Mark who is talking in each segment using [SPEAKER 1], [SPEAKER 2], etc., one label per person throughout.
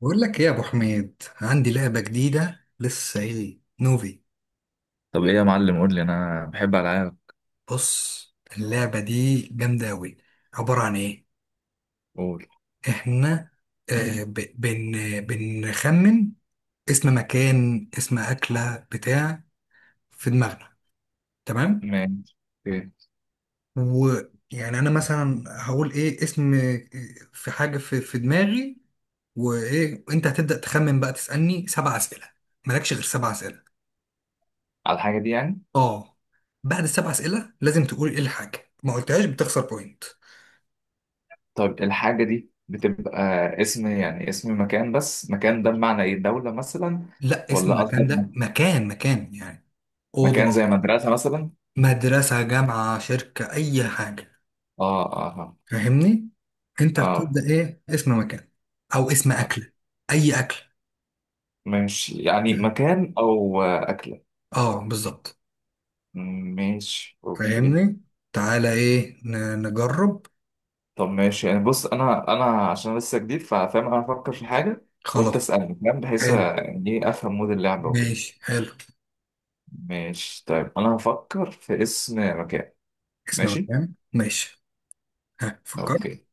[SPEAKER 1] بقول لك ايه يا ابو حميد، عندي لعبه جديده لسه، ايه نوفي؟
[SPEAKER 2] طب ايه يا معلم؟ قول لي، انا بحب العاب.
[SPEAKER 1] بص، اللعبه دي جامده قوي. عباره عن ايه؟
[SPEAKER 2] قول.
[SPEAKER 1] احنا آه ب- بن بنخمن اسم مكان، اسم اكله بتاع، في دماغنا. تمام؟
[SPEAKER 2] ماشي. اوكي.
[SPEAKER 1] ويعني انا مثلا هقول ايه اسم، في حاجه في دماغي. وايه، انت هتبدا تخمن بقى، تسالني سبع اسئله. مالكش غير سبع اسئله.
[SPEAKER 2] على الحاجة دي يعني؟
[SPEAKER 1] اه. بعد السبع اسئله لازم تقول ايه الحاجه، ما قلتهاش بتخسر بوينت.
[SPEAKER 2] طيب الحاجة دي بتبقى اسم، يعني اسم مكان، بس مكان ده بمعنى ايه؟ دولة مثلا
[SPEAKER 1] لا، اسم
[SPEAKER 2] ولا
[SPEAKER 1] المكان
[SPEAKER 2] قصدك
[SPEAKER 1] ده مكان مكان يعني.
[SPEAKER 2] مكان
[SPEAKER 1] اوضه.
[SPEAKER 2] زي مدرسة مثلا؟
[SPEAKER 1] مدرسه، جامعه، شركه، اي حاجه.
[SPEAKER 2] اه اه اه.
[SPEAKER 1] فاهمني؟ انت
[SPEAKER 2] آه.
[SPEAKER 1] بتبدا ايه اسم مكان، او اسم اكله. اي اكل.
[SPEAKER 2] ماشي، يعني
[SPEAKER 1] اه،
[SPEAKER 2] مكان او أكلة.
[SPEAKER 1] بالظبط.
[SPEAKER 2] ماشي. اوكي.
[SPEAKER 1] فاهمني؟ تعالى ايه نجرب.
[SPEAKER 2] طب ماشي، يعني بص انا عشان لسه جديد ففاهم. انا افكر في حاجة وانت
[SPEAKER 1] خلاص.
[SPEAKER 2] اسألني، فاهم، بحيث
[SPEAKER 1] حلو.
[SPEAKER 2] يعني ايه افهم مود اللعبة وكده.
[SPEAKER 1] ماشي، حلو.
[SPEAKER 2] ماشي طيب، انا هفكر في اسم مكان.
[SPEAKER 1] اسم
[SPEAKER 2] ماشي.
[SPEAKER 1] مكان، ماشي. ها، فكرت؟
[SPEAKER 2] اوكي.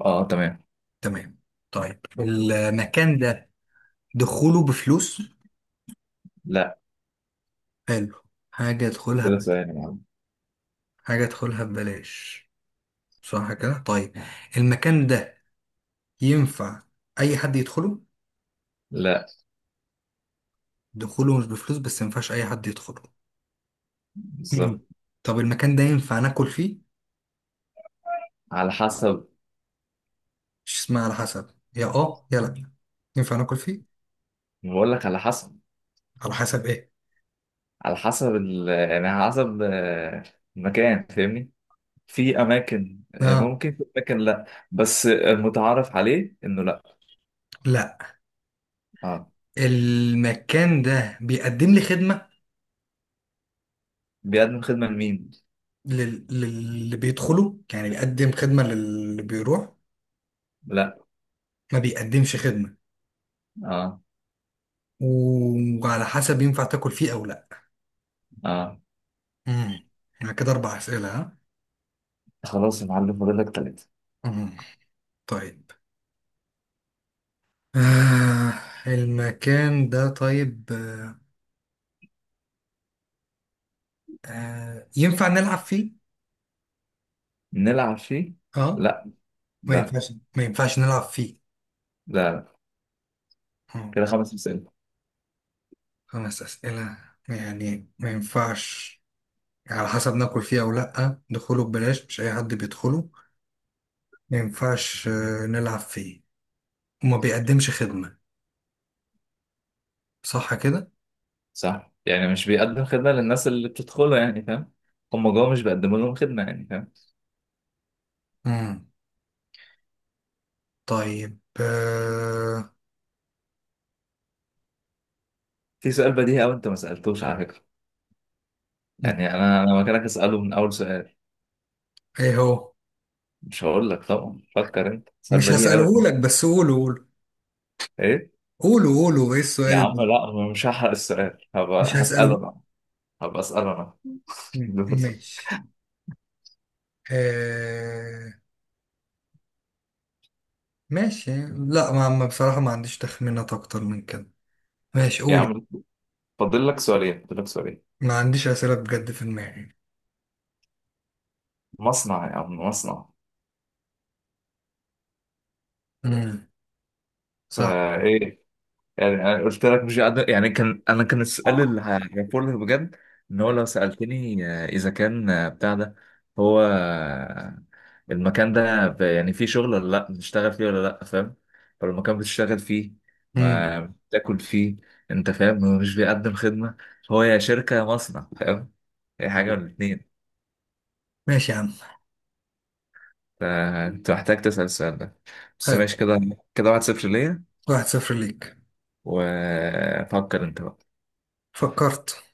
[SPEAKER 2] اه تمام.
[SPEAKER 1] تمام. طيب، المكان ده دخوله بفلوس؟
[SPEAKER 2] لا
[SPEAKER 1] حلو. حاجة ادخلها
[SPEAKER 2] كده، ثواني يا عم.
[SPEAKER 1] حاجة ادخلها ببلاش، صح كده؟ طيب، المكان ده ينفع أي حد يدخله؟
[SPEAKER 2] لا.
[SPEAKER 1] دخوله مش بفلوس، بس مينفعش أي حد يدخله. مم.
[SPEAKER 2] بالظبط.
[SPEAKER 1] طب المكان ده ينفع ناكل فيه؟
[SPEAKER 2] على حسب.
[SPEAKER 1] مش اسمها على حسب، يا اه يا لا. ينفع ناكل فيه؟
[SPEAKER 2] بقول لك على حسب.
[SPEAKER 1] على حسب ايه؟
[SPEAKER 2] على حسب يعني على حسب المكان، فاهمني؟ في اماكن
[SPEAKER 1] اه.
[SPEAKER 2] ممكن، في اماكن لا. بس المتعارف عليه انه لا.
[SPEAKER 1] لا،
[SPEAKER 2] اه.
[SPEAKER 1] المكان ده بيقدم لي خدمة؟
[SPEAKER 2] بيقدم خدمة لمين؟
[SPEAKER 1] للي بيدخله يعني، بيقدم خدمة للي بيروح.
[SPEAKER 2] لا.
[SPEAKER 1] ما بيقدمش خدمة،
[SPEAKER 2] اه.
[SPEAKER 1] وعلى حسب ينفع تاكل فيه أو لا.
[SPEAKER 2] اه.
[SPEAKER 1] امم. يعني كده اربع اسئله، ها؟
[SPEAKER 2] خلاص يا معلم، فاضل لك 3.
[SPEAKER 1] امم طيب، آه المكان ده طيب، ينفع نلعب فيه؟
[SPEAKER 2] نلعب فيه؟
[SPEAKER 1] اه.
[SPEAKER 2] لا.
[SPEAKER 1] ما
[SPEAKER 2] لا.
[SPEAKER 1] ينفعش ما ينفعش نلعب فيه.
[SPEAKER 2] لا.
[SPEAKER 1] آه.
[SPEAKER 2] كده 5 مسائل.
[SPEAKER 1] خمس اسئله، يعني ما ينفعش، على حسب ناكل فيه او لا، دخوله ببلاش، مش اي حد بيدخله، ما ينفعش نلعب فيه، وما بيقدمش خدمه. صح كده؟
[SPEAKER 2] صح، يعني مش بيقدم خدمة للناس اللي بتدخله، يعني فاهم؟ هم جوه مش بيقدموا لهم خدمة، يعني فاهم؟
[SPEAKER 1] امم طيب،
[SPEAKER 2] في سؤال بديهي أوي أنت ما سألتوش على فكرة.
[SPEAKER 1] مم.
[SPEAKER 2] يعني أنا مكانك أسأله من أول سؤال.
[SPEAKER 1] ايه هو؟
[SPEAKER 2] مش هقول لك طبعا، فكر أنت، سؤال
[SPEAKER 1] مش
[SPEAKER 2] بديهي أوي
[SPEAKER 1] هسأله
[SPEAKER 2] يعني.
[SPEAKER 1] لك، بس قوله قوله،
[SPEAKER 2] إيه؟
[SPEAKER 1] قولوا قولوا ايه
[SPEAKER 2] يا
[SPEAKER 1] السؤال
[SPEAKER 2] عم
[SPEAKER 1] اللي،
[SPEAKER 2] لا، أنا مش هحرق السؤال، هبقى
[SPEAKER 1] مش
[SPEAKER 2] هسأله
[SPEAKER 1] هسأله.
[SPEAKER 2] أنا. هبقى أسأله أنا.
[SPEAKER 1] مم.
[SPEAKER 2] دوري.
[SPEAKER 1] ماشي. آه... ماشي، لا، بصراحة ما عنديش تخمينات اكتر من كده. ماشي،
[SPEAKER 2] يا
[SPEAKER 1] قولي.
[SPEAKER 2] عم، فاضل لك 2، فاضل لك سؤالين.
[SPEAKER 1] ما عنديش أسئلة بجد في دماغي.
[SPEAKER 2] مصنع يا عم، مصنع.
[SPEAKER 1] مم. صح.
[SPEAKER 2] فإيه؟ يعني انا قلت لك مش قادر، يعني كان السؤال اللي هعرفه لك بجد، ان هو لو سالتني اذا كان بتاع ده. هو المكان ده يعني فيه شغل ولا لا، بتشتغل فيه ولا لا، فاهم؟ فلو المكان بتشتغل فيه،
[SPEAKER 1] مم.
[SPEAKER 2] ما بتاكل فيه، انت فاهم. هو مش بيقدم خدمه. هو يا شركه يا مصنع، فاهم؟ هي حاجه من الـ2.
[SPEAKER 1] ماشي يا عم.
[SPEAKER 2] فانت محتاج تسال السؤال ده بس.
[SPEAKER 1] حلو.
[SPEAKER 2] ماشي كده. كده 1-0 ليا.
[SPEAKER 1] 1-0 ليك.
[SPEAKER 2] وفكر انت بقى.
[SPEAKER 1] فكرت.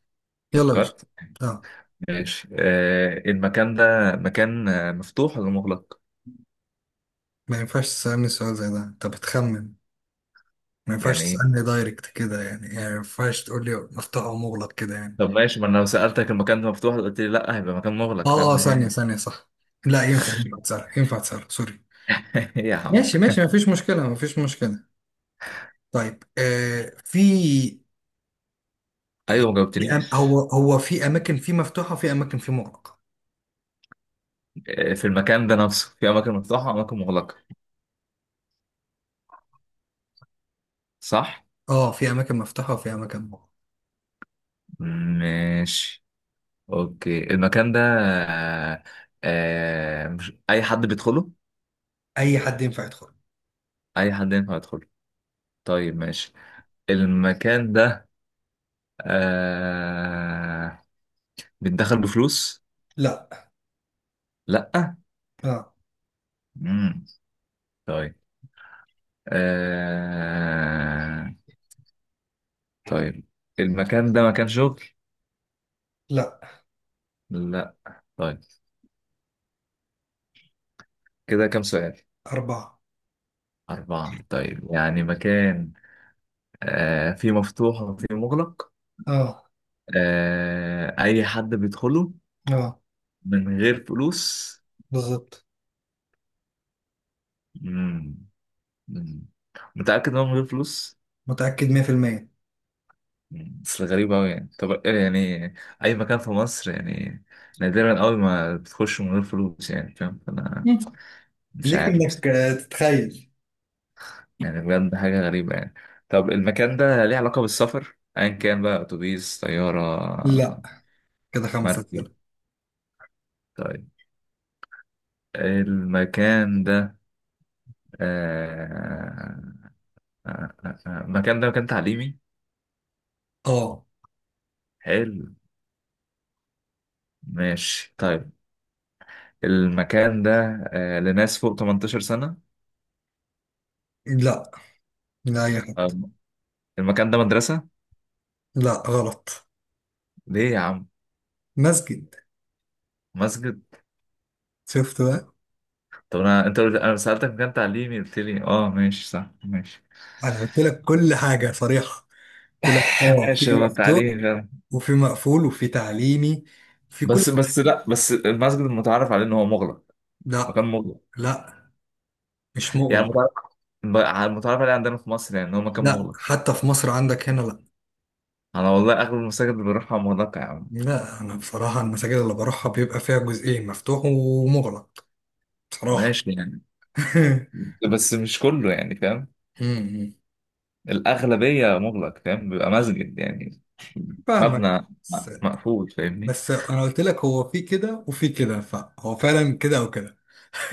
[SPEAKER 1] يلا يا باشا.
[SPEAKER 2] فكرت.
[SPEAKER 1] لا،
[SPEAKER 2] ماشي. آه، المكان ده مكان مفتوح ولا مغلق؟
[SPEAKER 1] ما ينفعش تسألني سؤال زي ده، انت بتخمن. ما ينفعش
[SPEAKER 2] يعني ايه؟
[SPEAKER 1] تسألني دايركت كده يعني ما ينفعش تقول لي مفتوح ومغلق كده يعني.
[SPEAKER 2] طب ماشي، ما انا لو سألتك المكان ده مفتوح قلت لي لا، هيبقى مكان مغلق،
[SPEAKER 1] اه اه،
[SPEAKER 2] فاهم
[SPEAKER 1] ثانية
[SPEAKER 2] هي.
[SPEAKER 1] ثانية، صح. لا، ينفع ينفع تسأل ينفع تسأل سوري.
[SPEAKER 2] هي يا عم.
[SPEAKER 1] ماشي ماشي، ما فيش مشكلة ما فيش مشكلة. طيب في،
[SPEAKER 2] ايوه
[SPEAKER 1] يعني
[SPEAKER 2] ما
[SPEAKER 1] في
[SPEAKER 2] جاوبتنيش.
[SPEAKER 1] هو في أماكن في مفتوحة، وفي أماكن في مغلقة.
[SPEAKER 2] في المكان ده نفسه في اماكن مفتوحة واماكن مغلقة، صح؟
[SPEAKER 1] اه، في أماكن مفتوحة وفي أماكن مغلقة.
[SPEAKER 2] ماشي. اوكي. المكان ده مش اي حد بيدخله؟
[SPEAKER 1] أي حد ينفع يدخل.
[SPEAKER 2] اي حد ينفع يدخله. طيب ماشي. المكان ده آه بيتدخل بفلوس؟
[SPEAKER 1] لا.
[SPEAKER 2] لا.
[SPEAKER 1] لا.
[SPEAKER 2] مم. طيب. آه... طيب المكان ده مكان شغل؟
[SPEAKER 1] لا.
[SPEAKER 2] لا. طيب كده كام سؤال؟
[SPEAKER 1] أربعة.
[SPEAKER 2] 4. طيب يعني مكان فيه مفتوح وفيه مغلق.
[SPEAKER 1] اه.
[SPEAKER 2] أي حد بيدخله
[SPEAKER 1] اه،
[SPEAKER 2] من غير فلوس.
[SPEAKER 1] بالظبط.
[SPEAKER 2] مم. مم. متأكد إن هو من غير فلوس؟
[SPEAKER 1] متأكد 100%.
[SPEAKER 2] مم. بس غريب أوي يعني. طب يعني أي مكان في مصر يعني، نادرا أوي ما بتخش من غير فلوس، يعني فاهم، فأنا
[SPEAKER 1] مم.
[SPEAKER 2] مش
[SPEAKER 1] ليك
[SPEAKER 2] عارف.
[SPEAKER 1] إنك تتخيل.
[SPEAKER 2] يعني بجد حاجة غريبة يعني. طب المكان ده ليه علاقة بالسفر، أيا كان بقى، أتوبيس، طيارة،
[SPEAKER 1] لا، كده خمسة
[SPEAKER 2] مركب؟
[SPEAKER 1] كده.
[SPEAKER 2] طيب المكان ده آه... المكان ده مكان تعليمي.
[SPEAKER 1] اه.
[SPEAKER 2] حلو. ماشي طيب. المكان ده لناس فوق 18 سنة.
[SPEAKER 1] لا لا يا حد.
[SPEAKER 2] آه... المكان ده مدرسة.
[SPEAKER 1] لا غلط.
[SPEAKER 2] ليه يا عم؟
[SPEAKER 1] مسجد.
[SPEAKER 2] مسجد.
[SPEAKER 1] شفت بقى؟
[SPEAKER 2] طب أنا أنا سألتك مكان تعليمي قلت لي أه ماشي صح ماشي.
[SPEAKER 1] انا قلت لك كل حاجه صريحه، قلت لك اه
[SPEAKER 2] ماشي،
[SPEAKER 1] في
[SPEAKER 2] هو
[SPEAKER 1] مفتوح،
[SPEAKER 2] التعليم.
[SPEAKER 1] وفي مقفول، وفي تعليمي، في كل.
[SPEAKER 2] بس لا، بس المسجد المتعارف عليه ان هو مغلق، مكان
[SPEAKER 1] لا،
[SPEAKER 2] مغلق.
[SPEAKER 1] لا، مش
[SPEAKER 2] يعني
[SPEAKER 1] مغلق.
[SPEAKER 2] متعارف، المتعارف عليه عندنا في مصر يعني ان هو مكان
[SPEAKER 1] لا،
[SPEAKER 2] مغلق.
[SPEAKER 1] حتى في مصر عندك هنا لا.
[SPEAKER 2] انا والله اغلب المساجد اللي بروحها مغلقه يا عم.
[SPEAKER 1] لا، انا بصراحه المساجد اللي بروحها بيبقى فيها جزئين، مفتوح ومغلق. بصراحه.
[SPEAKER 2] ماشي يعني، بس مش كله يعني فاهم.
[SPEAKER 1] امم.
[SPEAKER 2] الاغلبيه مغلق، فاهم، بيبقى مسجد يعني
[SPEAKER 1] فاهمك.
[SPEAKER 2] مبنى
[SPEAKER 1] بس
[SPEAKER 2] مقفول، فاهمني؟
[SPEAKER 1] بس انا قلت لك هو في كده وفي كده، فهو فعلا كده او كده.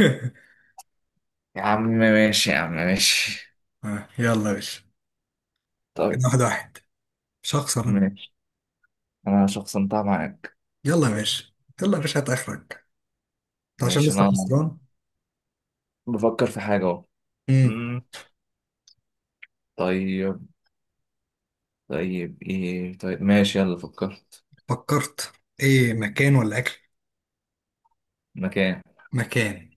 [SPEAKER 2] يا عم ماشي يا عم ماشي.
[SPEAKER 1] يلا يا باشا. كده
[SPEAKER 2] طيب.
[SPEAKER 1] 1-1. مش هخسر أنا.
[SPEAKER 2] ماشي. انا شخصنتها معاك.
[SPEAKER 1] يلا يا باشا، يلا يا باشا هات اخرك. انت عشان
[SPEAKER 2] ماشي.
[SPEAKER 1] لسه
[SPEAKER 2] انا
[SPEAKER 1] خسران.
[SPEAKER 2] بفكر في حاجه اهو.
[SPEAKER 1] امم.
[SPEAKER 2] مم، طيب. طيب ايه؟ طيب ماشي يلا. فكرت.
[SPEAKER 1] فكرت؟ ايه مكان ولا اكل؟
[SPEAKER 2] مكان.
[SPEAKER 1] مكان.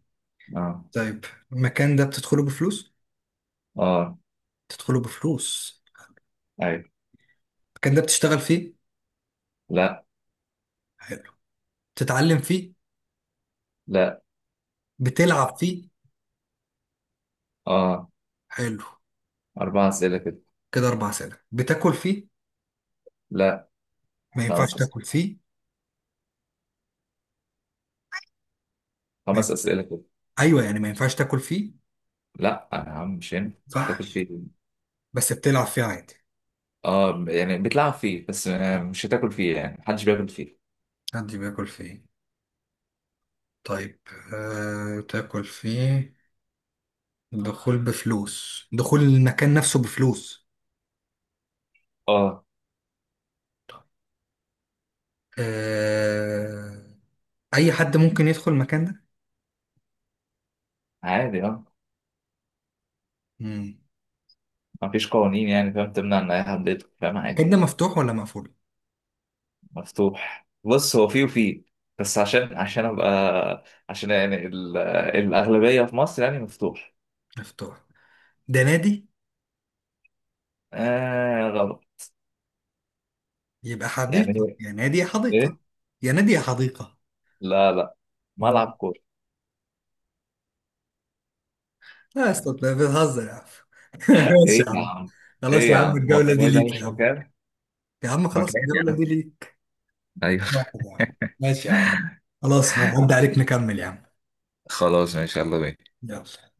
[SPEAKER 2] اه.
[SPEAKER 1] طيب، المكان ده بتدخله بفلوس؟
[SPEAKER 2] اه.
[SPEAKER 1] بتدخله بفلوس.
[SPEAKER 2] ايوه.
[SPEAKER 1] المكان ده بتشتغل فيه؟
[SPEAKER 2] لا.
[SPEAKER 1] حلو. بتتعلم فيه؟
[SPEAKER 2] لا.
[SPEAKER 1] بتلعب فيه؟
[SPEAKER 2] اه.
[SPEAKER 1] حلو.
[SPEAKER 2] 4 اسئله كده.
[SPEAKER 1] كده 4 سنين، بتاكل فيه؟
[SPEAKER 2] لا.
[SPEAKER 1] ما ينفعش
[SPEAKER 2] 5 اسئله،
[SPEAKER 1] تاكل فيه، ما
[SPEAKER 2] خمس
[SPEAKER 1] ينفع.
[SPEAKER 2] اسئله كده.
[SPEAKER 1] ايوه يعني، ما ينفعش تاكل فيه، ما
[SPEAKER 2] لا يا عم مش هينفع تاكل
[SPEAKER 1] ينفعش.
[SPEAKER 2] فيه.
[SPEAKER 1] بس بتلعب فيه عادي.
[SPEAKER 2] اه، يعني بتلعب فيه بس مش هتاكل فيه، يعني محدش بياكل فيه.
[SPEAKER 1] حد بياكل فيه؟ طيب، تاكل فيه. دخول بفلوس، دخول المكان نفسه بفلوس.
[SPEAKER 2] اه
[SPEAKER 1] آه... اي حد ممكن يدخل المكان ده؟
[SPEAKER 2] عادي. اه،
[SPEAKER 1] مم.
[SPEAKER 2] مفيش قوانين يعني، فاهم، تمنع ان اي حد يدخل، فاهم،
[SPEAKER 1] المكان
[SPEAKER 2] عادي.
[SPEAKER 1] ده مفتوح ولا مقفول؟
[SPEAKER 2] مفتوح. بص، هو فيه وفيه، بس عشان ابقى، عشان يعني الاغلبيه في مصر يعني مفتوح.
[SPEAKER 1] مفتوح. ده نادي.
[SPEAKER 2] آه غلط.
[SPEAKER 1] يبقى حديقة،
[SPEAKER 2] يعني
[SPEAKER 1] يا نادي يا حديقة.
[SPEAKER 2] ايه؟
[SPEAKER 1] يا نادي يا حديقة.
[SPEAKER 2] لا لا،
[SPEAKER 1] مم.
[SPEAKER 2] ملعب كوره.
[SPEAKER 1] لا يا اسطى، أنت بتهزر يا عم. ماشي
[SPEAKER 2] ايه
[SPEAKER 1] يا
[SPEAKER 2] يا
[SPEAKER 1] عم.
[SPEAKER 2] عم؟
[SPEAKER 1] خلاص
[SPEAKER 2] ايه
[SPEAKER 1] يا
[SPEAKER 2] يا
[SPEAKER 1] عم،
[SPEAKER 2] عم، هو
[SPEAKER 1] الجولة دي
[SPEAKER 2] هو ده
[SPEAKER 1] ليك يا
[SPEAKER 2] مش
[SPEAKER 1] عم.
[SPEAKER 2] مكان،
[SPEAKER 1] يا عم، خلاص
[SPEAKER 2] مكان يعني.
[SPEAKER 1] الجولة دي ليك.
[SPEAKER 2] ايوه.
[SPEAKER 1] واحد يا عم. ماشي يا عم. خلاص، هعدي عليك نكمل يا عم.
[SPEAKER 2] خلاص ان شاء الله بيه.
[SPEAKER 1] يلا.